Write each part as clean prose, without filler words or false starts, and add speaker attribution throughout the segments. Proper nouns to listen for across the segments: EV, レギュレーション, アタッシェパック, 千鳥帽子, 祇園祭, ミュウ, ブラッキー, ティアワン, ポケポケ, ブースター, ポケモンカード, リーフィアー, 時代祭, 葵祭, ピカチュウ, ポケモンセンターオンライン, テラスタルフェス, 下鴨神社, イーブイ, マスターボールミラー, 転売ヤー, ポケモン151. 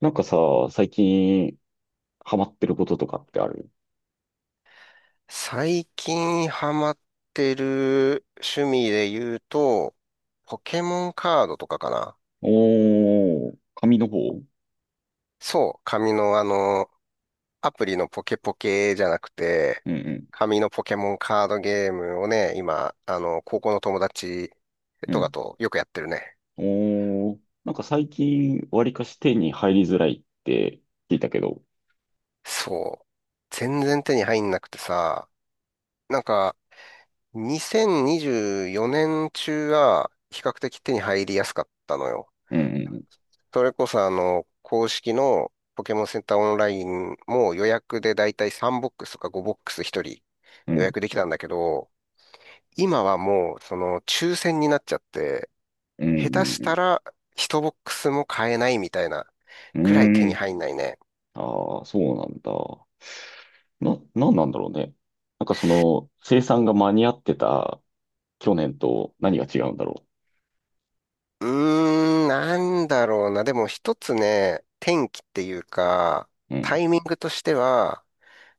Speaker 1: なんかさ、最近ハマってることとかってある？
Speaker 2: 最近ハマってる趣味で言うと、ポケモンカードとかかな。
Speaker 1: おー、紙の方。うん
Speaker 2: そう、紙のアプリのポケポケじゃなくて、紙のポケモンカードゲームをね、今、高校の友達
Speaker 1: うんう
Speaker 2: とか
Speaker 1: ん。
Speaker 2: とよくやってるね。
Speaker 1: おー、なんか最近わりかし手に入りづらいって聞いたけど。
Speaker 2: そう。全然手に入んなくてさ、なんか、2024年中は比較的手に入りやすかったのよ。
Speaker 1: うん
Speaker 2: それこそ公式のポケモンセンターオンラインも予約でだいたい3ボックスとか5ボックス1人
Speaker 1: うんう
Speaker 2: 予約
Speaker 1: ん
Speaker 2: できたんだけど、今はもうその抽選になっちゃって、
Speaker 1: う
Speaker 2: 下手し
Speaker 1: ん
Speaker 2: たら1ボックスも買えないみたいな
Speaker 1: う
Speaker 2: くらい
Speaker 1: ん
Speaker 2: 手
Speaker 1: うん。うー
Speaker 2: に
Speaker 1: ん。
Speaker 2: 入んないね。
Speaker 1: ああ、そうなんだ。な、なんなんだろうね。なんかその生産が間に合ってた去年と何が違うんだろ
Speaker 2: うーん、なんだろうな。でも一つね、転機っていうか、
Speaker 1: う。う
Speaker 2: タ
Speaker 1: ん
Speaker 2: イミングとしては、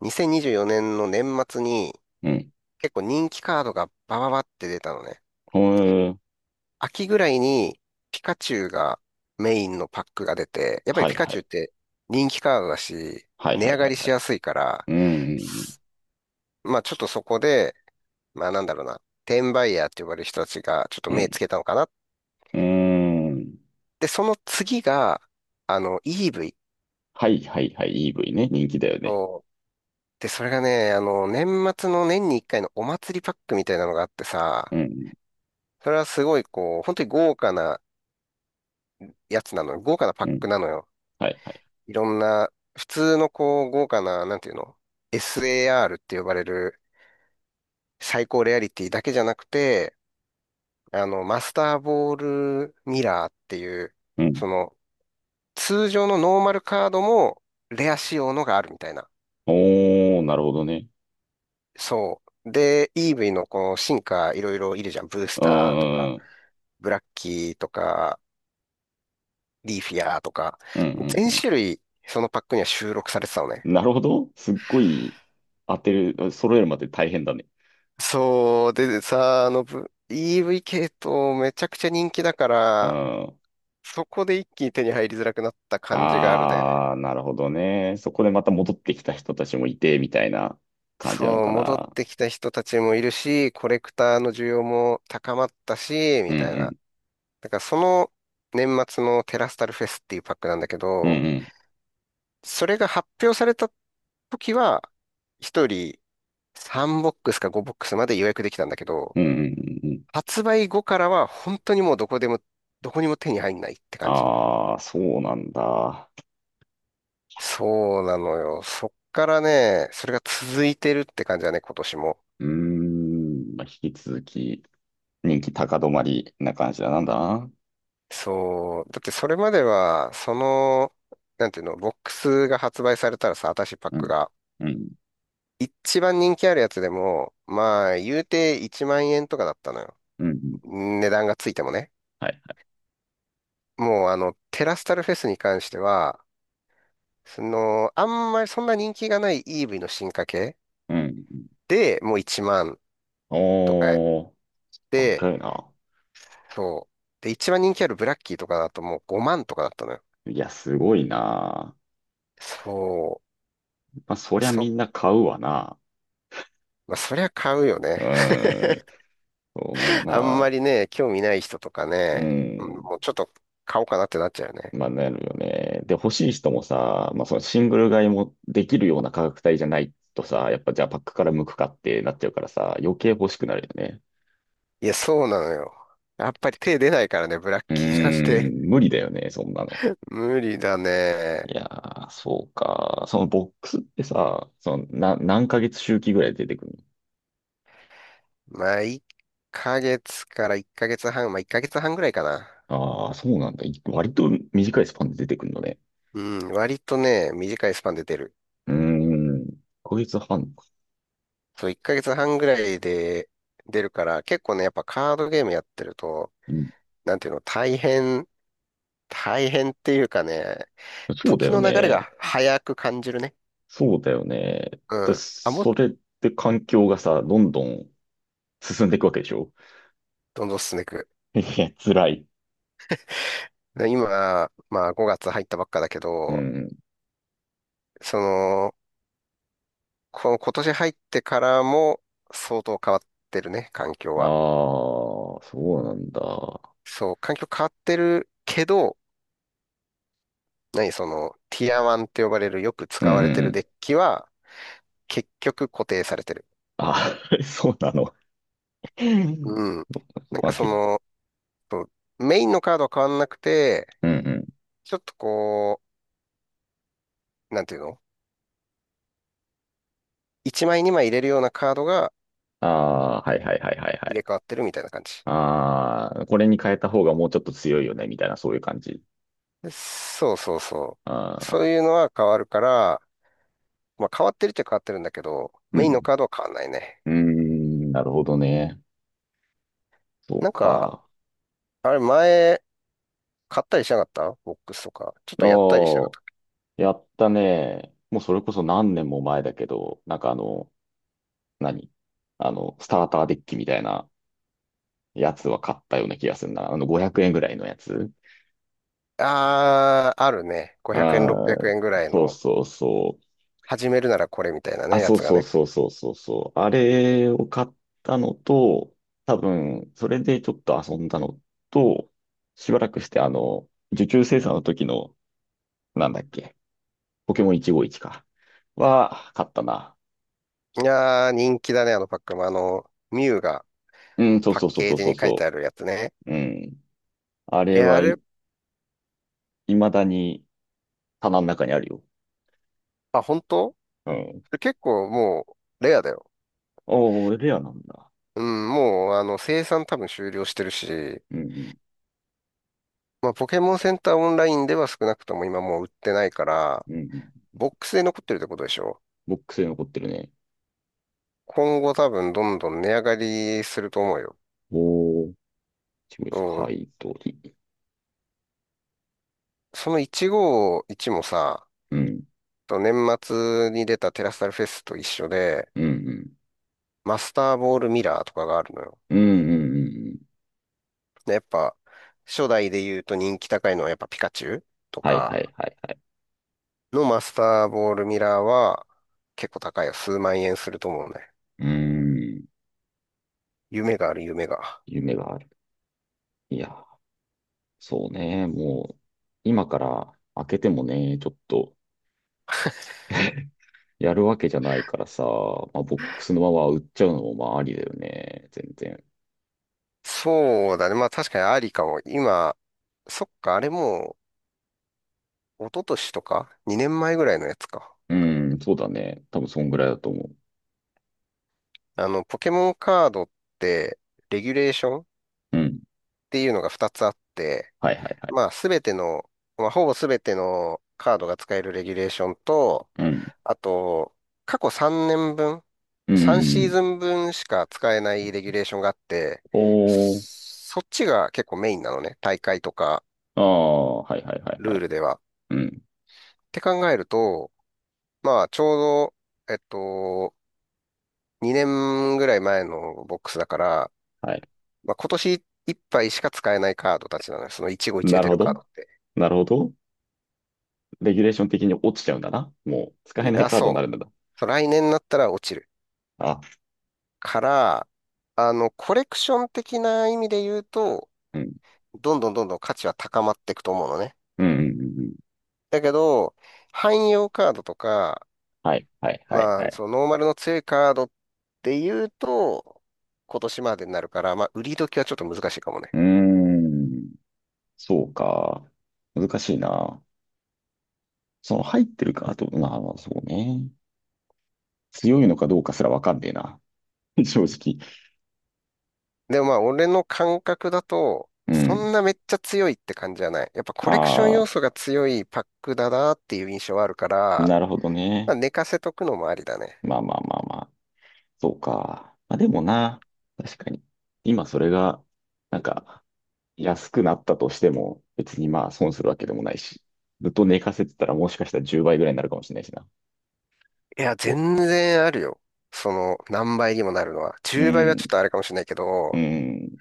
Speaker 2: 2024年の年末に
Speaker 1: うん。
Speaker 2: 結構人気カードがバババって出たのね。
Speaker 1: へー。
Speaker 2: 秋ぐらいにピカチュウがメインのパックが出て、やっぱり
Speaker 1: はい
Speaker 2: ピカ
Speaker 1: は
Speaker 2: チュ
Speaker 1: い。
Speaker 2: ウって人気カードだし、
Speaker 1: はいはい
Speaker 2: 値上
Speaker 1: は
Speaker 2: が
Speaker 1: い
Speaker 2: り
Speaker 1: は
Speaker 2: し
Speaker 1: い。
Speaker 2: やすいから、
Speaker 1: うんうん
Speaker 2: すまあちょっとそこで、まあなんだろうな、転売ヤーって呼ばれる人たちがちょっと
Speaker 1: う
Speaker 2: 目
Speaker 1: ん。
Speaker 2: つけたのかな。
Speaker 1: うーん。
Speaker 2: で、その次が、EV
Speaker 1: はいはいはい。EV ね。人気だよね。
Speaker 2: を、そう。で、それがね、年末の年に一回のお祭りパックみたいなのがあって
Speaker 1: う
Speaker 2: さ、
Speaker 1: ん。
Speaker 2: それはすごいこう、本当に豪華なやつなのよ。豪華なパッ
Speaker 1: うん。
Speaker 2: クなのよ。
Speaker 1: はいはい。
Speaker 2: いろんな、普通のこう、豪華な、なんていうの？ SAR って呼ばれる最高レアリティだけじゃなくて、マスターボールミラーっていう、
Speaker 1: うん。
Speaker 2: その、通常のノーマルカードもレア仕様のがあるみたいな。
Speaker 1: おー、なるほどね。
Speaker 2: そう。で、EV のこの進化いろいろいるじゃん。ブー
Speaker 1: う
Speaker 2: スターとか、
Speaker 1: ーん。
Speaker 2: ブラッキーとか、リーフィアーとか、
Speaker 1: うん
Speaker 2: 全
Speaker 1: うん
Speaker 2: 種類そのパックには収録されてたのね。
Speaker 1: うん。なるほど。すっごい当てる、揃えるまで大変だね。
Speaker 2: そう、でさ、EV 系統めちゃくちゃ人気だか
Speaker 1: う
Speaker 2: ら、
Speaker 1: ん。
Speaker 2: そこで一気に手に入りづらくなった感じがあるね。
Speaker 1: あー、なるほどね。そこでまた戻ってきた人たちもいて、みたいな感じなの
Speaker 2: そう、
Speaker 1: か
Speaker 2: 戻っ
Speaker 1: な。
Speaker 2: てきた人たちもいるし、コレクターの需要も高まったし、
Speaker 1: う
Speaker 2: み
Speaker 1: んう
Speaker 2: たいな。
Speaker 1: ん。
Speaker 2: だからその年末のテラスタルフェスっていうパックなんだけ
Speaker 1: うん
Speaker 2: ど、
Speaker 1: うん。
Speaker 2: それが発表された時は、一人3ボックスか5ボックスまで予約できたんだけど、
Speaker 1: うんうんうんうん。
Speaker 2: 発売後からは本当にもうどこでも、どこにも手に入んないって感じ。
Speaker 1: あー、そうなんだ。
Speaker 2: そうなのよ。そっからね、それが続いてるって感じだね、今年も。
Speaker 1: うーん。まあ、引き続き人気高止まりな感じだ。なんだな。
Speaker 2: そう。だってそれまでは、その、なんていうの、ボックスが発売されたらさ、アタッシェパッ
Speaker 1: う
Speaker 2: ク
Speaker 1: ん。
Speaker 2: が。
Speaker 1: うん。
Speaker 2: 一番人気あるやつでも、まあ、言うて1万円とかだったのよ。
Speaker 1: うん。
Speaker 2: 値段がついてもね。
Speaker 1: はい。
Speaker 2: もう、テラスタルフェスに関しては、その、あんまりそんな人気がない EV の進化系
Speaker 1: うん。
Speaker 2: でもう1万とか
Speaker 1: おー、
Speaker 2: で、
Speaker 1: 高いな。
Speaker 2: そう。で、一番人気あるブラッキーとかだともう5万とかだったのよ。
Speaker 1: いや、すごいな。
Speaker 2: そ
Speaker 1: まあ、そ
Speaker 2: う。
Speaker 1: りゃみんな買うわな。
Speaker 2: まあ、そりゃ買うよ
Speaker 1: う
Speaker 2: ね。
Speaker 1: ん。そん
Speaker 2: あんま
Speaker 1: な、
Speaker 2: りね、興味ない人とか
Speaker 1: う
Speaker 2: ね、うん
Speaker 1: ん。
Speaker 2: もうちょっと買おうかなってなっちゃうよね。
Speaker 1: まあ、なるよね。で、欲しい人もさ、まあ、そのシングル買いもできるような価格帯じゃないとさ、やっぱじゃあパックから向くかってなっちゃうからさ、余計欲しくなるよね。
Speaker 2: いや、そうなのよ。やっぱり手出ないからね、ブラッ
Speaker 1: うー
Speaker 2: キーなんて。
Speaker 1: ん、無理だよね、そんなの。
Speaker 2: 無理だね。
Speaker 1: いやー、そうか。そのボックスってさ、その、何ヶ月周期ぐらいで出てくる
Speaker 2: まあ、1ヶ月から1ヶ月半、まあ1ヶ月半ぐらいかな。
Speaker 1: の？ああー、そうなんだ。割と短いスパンで出てくるのね。
Speaker 2: うん、割とね、短いスパンで出る。
Speaker 1: うーん。1ヶ月半か。
Speaker 2: そう、1ヶ月半ぐらいで出るから、結構ね、やっぱカードゲームやってると、
Speaker 1: うん。
Speaker 2: なんていうの、大変っていうかね、
Speaker 1: そうだ
Speaker 2: 時
Speaker 1: よ
Speaker 2: の流れ
Speaker 1: ね。
Speaker 2: が早く感じるね。
Speaker 1: そうだよね。で、
Speaker 2: うん。あ、もっ
Speaker 1: そ
Speaker 2: と
Speaker 1: れって環境がさ、どんどん進んでいくわけでしょ？
Speaker 2: どんどん進んでいく。
Speaker 1: いや、辛い。
Speaker 2: で今、まあ5月入ったばっかだけ
Speaker 1: う
Speaker 2: ど、
Speaker 1: ん。
Speaker 2: その、この今年入ってからも相当変わってるね、環境
Speaker 1: あ
Speaker 2: は。
Speaker 1: あ、そうなんだ。
Speaker 2: そう、環境変わってるけど、何その、ティアワンって呼ばれるよく
Speaker 1: うん
Speaker 2: 使
Speaker 1: う
Speaker 2: われて
Speaker 1: んう
Speaker 2: る
Speaker 1: ん。
Speaker 2: デッキは、結局固定されてる。
Speaker 1: あー そうなの。うん。
Speaker 2: うん。なん
Speaker 1: ま
Speaker 2: か
Speaker 1: あ、け、
Speaker 2: そメインのカードは変わんなくて、
Speaker 1: うんうん。
Speaker 2: ちょっとこう、なんていうの1枚2枚入れるようなカードが
Speaker 1: ああ、はいはいはいはいは
Speaker 2: 入
Speaker 1: い。
Speaker 2: れ替わってるみたいな感じ。
Speaker 1: ああ、これに変えた方がもうちょっと強いよね、みたいな、そういう感じ。
Speaker 2: でそうそうそう。そ
Speaker 1: あ
Speaker 2: う
Speaker 1: あ、
Speaker 2: いうのは変わるから、まあ変わってるっちゃ変わってるんだけど、
Speaker 1: う
Speaker 2: メインの
Speaker 1: ん。
Speaker 2: カードは変わんないね。
Speaker 1: うーん、なるほどね。そう
Speaker 2: なんか、
Speaker 1: か。
Speaker 2: あれ前、買ったりしなかったボックスとか。ちょっ
Speaker 1: あ
Speaker 2: とやったりしなか
Speaker 1: あ、
Speaker 2: っ
Speaker 1: やったね。もうそれこそ何年も前だけど、なんかあの、何あの、スターターデッキみたいなやつは買ったような気がするな。あの、500円ぐらいのやつ。
Speaker 2: た。あー、あるね。500円、
Speaker 1: あ
Speaker 2: 600
Speaker 1: あ、
Speaker 2: 円ぐらい
Speaker 1: そう
Speaker 2: の、
Speaker 1: そうそう。
Speaker 2: 始めるならこれみたいな
Speaker 1: あ、
Speaker 2: ね、や
Speaker 1: そう
Speaker 2: つが
Speaker 1: そう
Speaker 2: ね。
Speaker 1: そうそうそうそう。あれを買ったのと、多分、それでちょっと遊んだのと、しばらくして、あの、受注生産の時の、なんだっけ、ポケモン151か。買ったな。
Speaker 2: いやー、人気だね、あのパックも。あの、ミュウが
Speaker 1: うん、そう
Speaker 2: パッ
Speaker 1: そうそう
Speaker 2: ケ
Speaker 1: そ
Speaker 2: ー
Speaker 1: う
Speaker 2: ジ
Speaker 1: そう
Speaker 2: に書いて
Speaker 1: そ
Speaker 2: あるやつね。
Speaker 1: う。うん。あれ
Speaker 2: え、あ
Speaker 1: は
Speaker 2: れ、
Speaker 1: い、未だに棚の中にあるよ。
Speaker 2: あ、本当
Speaker 1: うん。
Speaker 2: それ結構もう、レアだよね。
Speaker 1: おお、レアなんだ。
Speaker 2: うん、もう、生産多分終了してるし、
Speaker 1: うん、
Speaker 2: まあ、ポケモンセンターオンラインでは少なくとも今もう売ってないから、
Speaker 1: うん、うん。
Speaker 2: ボックスで残ってるってことでしょ。
Speaker 1: ボックスに残ってるね。
Speaker 2: 今後多分どんどん値上がりすると思うよ。
Speaker 1: おー、151
Speaker 2: そう、
Speaker 1: 買い取り。
Speaker 2: その151もさ、
Speaker 1: うん、
Speaker 2: 年末に出たテラスタルフェスと一緒で、
Speaker 1: うん、うん。
Speaker 2: マスターボールミラーとかがあるのよ。
Speaker 1: うん、うん、うん。うん。
Speaker 2: で、やっぱ、初代で言うと人気高いのはやっぱピカチュウと
Speaker 1: はいは
Speaker 2: か
Speaker 1: いはいはい。
Speaker 2: のマスターボールミラーは結構高いよ。数万円すると思うね。
Speaker 1: うーん。
Speaker 2: 夢がある、夢が。
Speaker 1: 夢がある。いや、そうね。もう、今から開けてもね、ちょっとやるわけじゃないからさ、まあ、ボックスのまま売っちゃうのもまあありだよね。全然。
Speaker 2: そうだね。まあ確かにありかも。今、そっか、あれもう、一昨年とか？ 2 年前ぐらいのやつか。
Speaker 1: うん、そうだね。多分そんぐらいだと思
Speaker 2: ポケモンカードって、レギュレーションっ
Speaker 1: う。うん。
Speaker 2: ていうのが2つあって、
Speaker 1: はいはいはい。
Speaker 2: まあすべての、まあほぼすべてのカードが使えるレギュレーションと、
Speaker 1: うん。
Speaker 2: あと、過去3年分、
Speaker 1: うん。
Speaker 2: 3
Speaker 1: う
Speaker 2: シーズ
Speaker 1: ん。
Speaker 2: ン分しか使えないレギュレーションがあって、
Speaker 1: お
Speaker 2: そ
Speaker 1: ー。
Speaker 2: そっちが結構メインなのね。大会とか
Speaker 1: ああ、はいはいはいは
Speaker 2: ルー
Speaker 1: い。
Speaker 2: ルでは。っ
Speaker 1: うん。
Speaker 2: て考えると、まあ、ちょうど、2年ぐらい前のボックスだから、
Speaker 1: はい。
Speaker 2: まあ、今年いっぱいしか使えないカードたちなのよ。その一期一会
Speaker 1: なる
Speaker 2: 出
Speaker 1: ほ
Speaker 2: るカー
Speaker 1: ど。
Speaker 2: ドって。
Speaker 1: なるほど。レギュレーション的に落ちちゃうんだな。もう使え
Speaker 2: い
Speaker 1: ない
Speaker 2: や、
Speaker 1: カードにな
Speaker 2: そ
Speaker 1: るんだ
Speaker 2: う。
Speaker 1: な。
Speaker 2: そう来年になったら落ちる。
Speaker 1: あ、
Speaker 2: から、コレクション的な意味で言うと、
Speaker 1: うん。
Speaker 2: どんどんどんどん価値は高まっていくと思うのね。
Speaker 1: うんうんうんうん。
Speaker 2: だけど、汎用カードとか、
Speaker 1: はい、はい、はい、は
Speaker 2: まあ、
Speaker 1: い。
Speaker 2: そのノーマルの強いカードって言うと、今年までになるから、まあ、売り時はちょっと難しいかもね。
Speaker 1: うーん、そうか。難しいな。その入ってるか、あと、まあ、まあそうね。強いのかどうかすらわかんねえな。正直。
Speaker 2: でもまあ、俺の感覚だと、
Speaker 1: う
Speaker 2: そ
Speaker 1: ん。
Speaker 2: んなめっちゃ強いって感じじゃない。やっぱコレクション要
Speaker 1: あ
Speaker 2: 素が強いパックだなっていう印象はあるか
Speaker 1: あ、
Speaker 2: ら、
Speaker 1: なるほど
Speaker 2: ま
Speaker 1: ね。
Speaker 2: あ、寝かせとくのもありだね。
Speaker 1: まあまあまあまあ。そうか。まあでもな、確かに。今それが、なんか、安くなったとしても、別にまあ損するわけでもないし。ずっと寝かせてたらもしかしたら10倍ぐらいになるかもしれないしな。
Speaker 2: いや、
Speaker 1: お、
Speaker 2: 全然あるよ。その、何倍にもなるのは。
Speaker 1: う
Speaker 2: 10倍はちょっ
Speaker 1: ん、
Speaker 2: とあれかもしれないけ
Speaker 1: う
Speaker 2: ど、
Speaker 1: ん、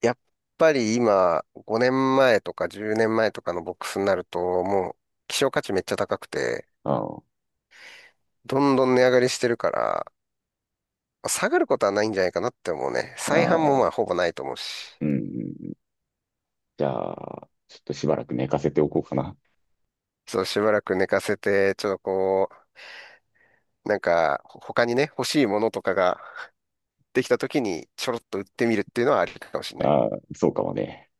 Speaker 2: やっぱり今、5年前とか10年前とかのボックスになると、もう、希少価値めっちゃ高くて、
Speaker 1: あ
Speaker 2: どんどん値上がりしてるから、下がることはないんじゃないかなって思うね。
Speaker 1: あ、
Speaker 2: 再販
Speaker 1: あ
Speaker 2: もまあ、
Speaker 1: あ。
Speaker 2: ほぼないと思うし。
Speaker 1: うん。じゃあ、ちょっとしばらく寝かせておこうかな。
Speaker 2: そう、しばらく寝かせて、ちょっとこう、なんか、他にね、欲しいものとかができた時に、ちょろっと売ってみるっていうのはありかもしれない。
Speaker 1: ああ、そうかもね。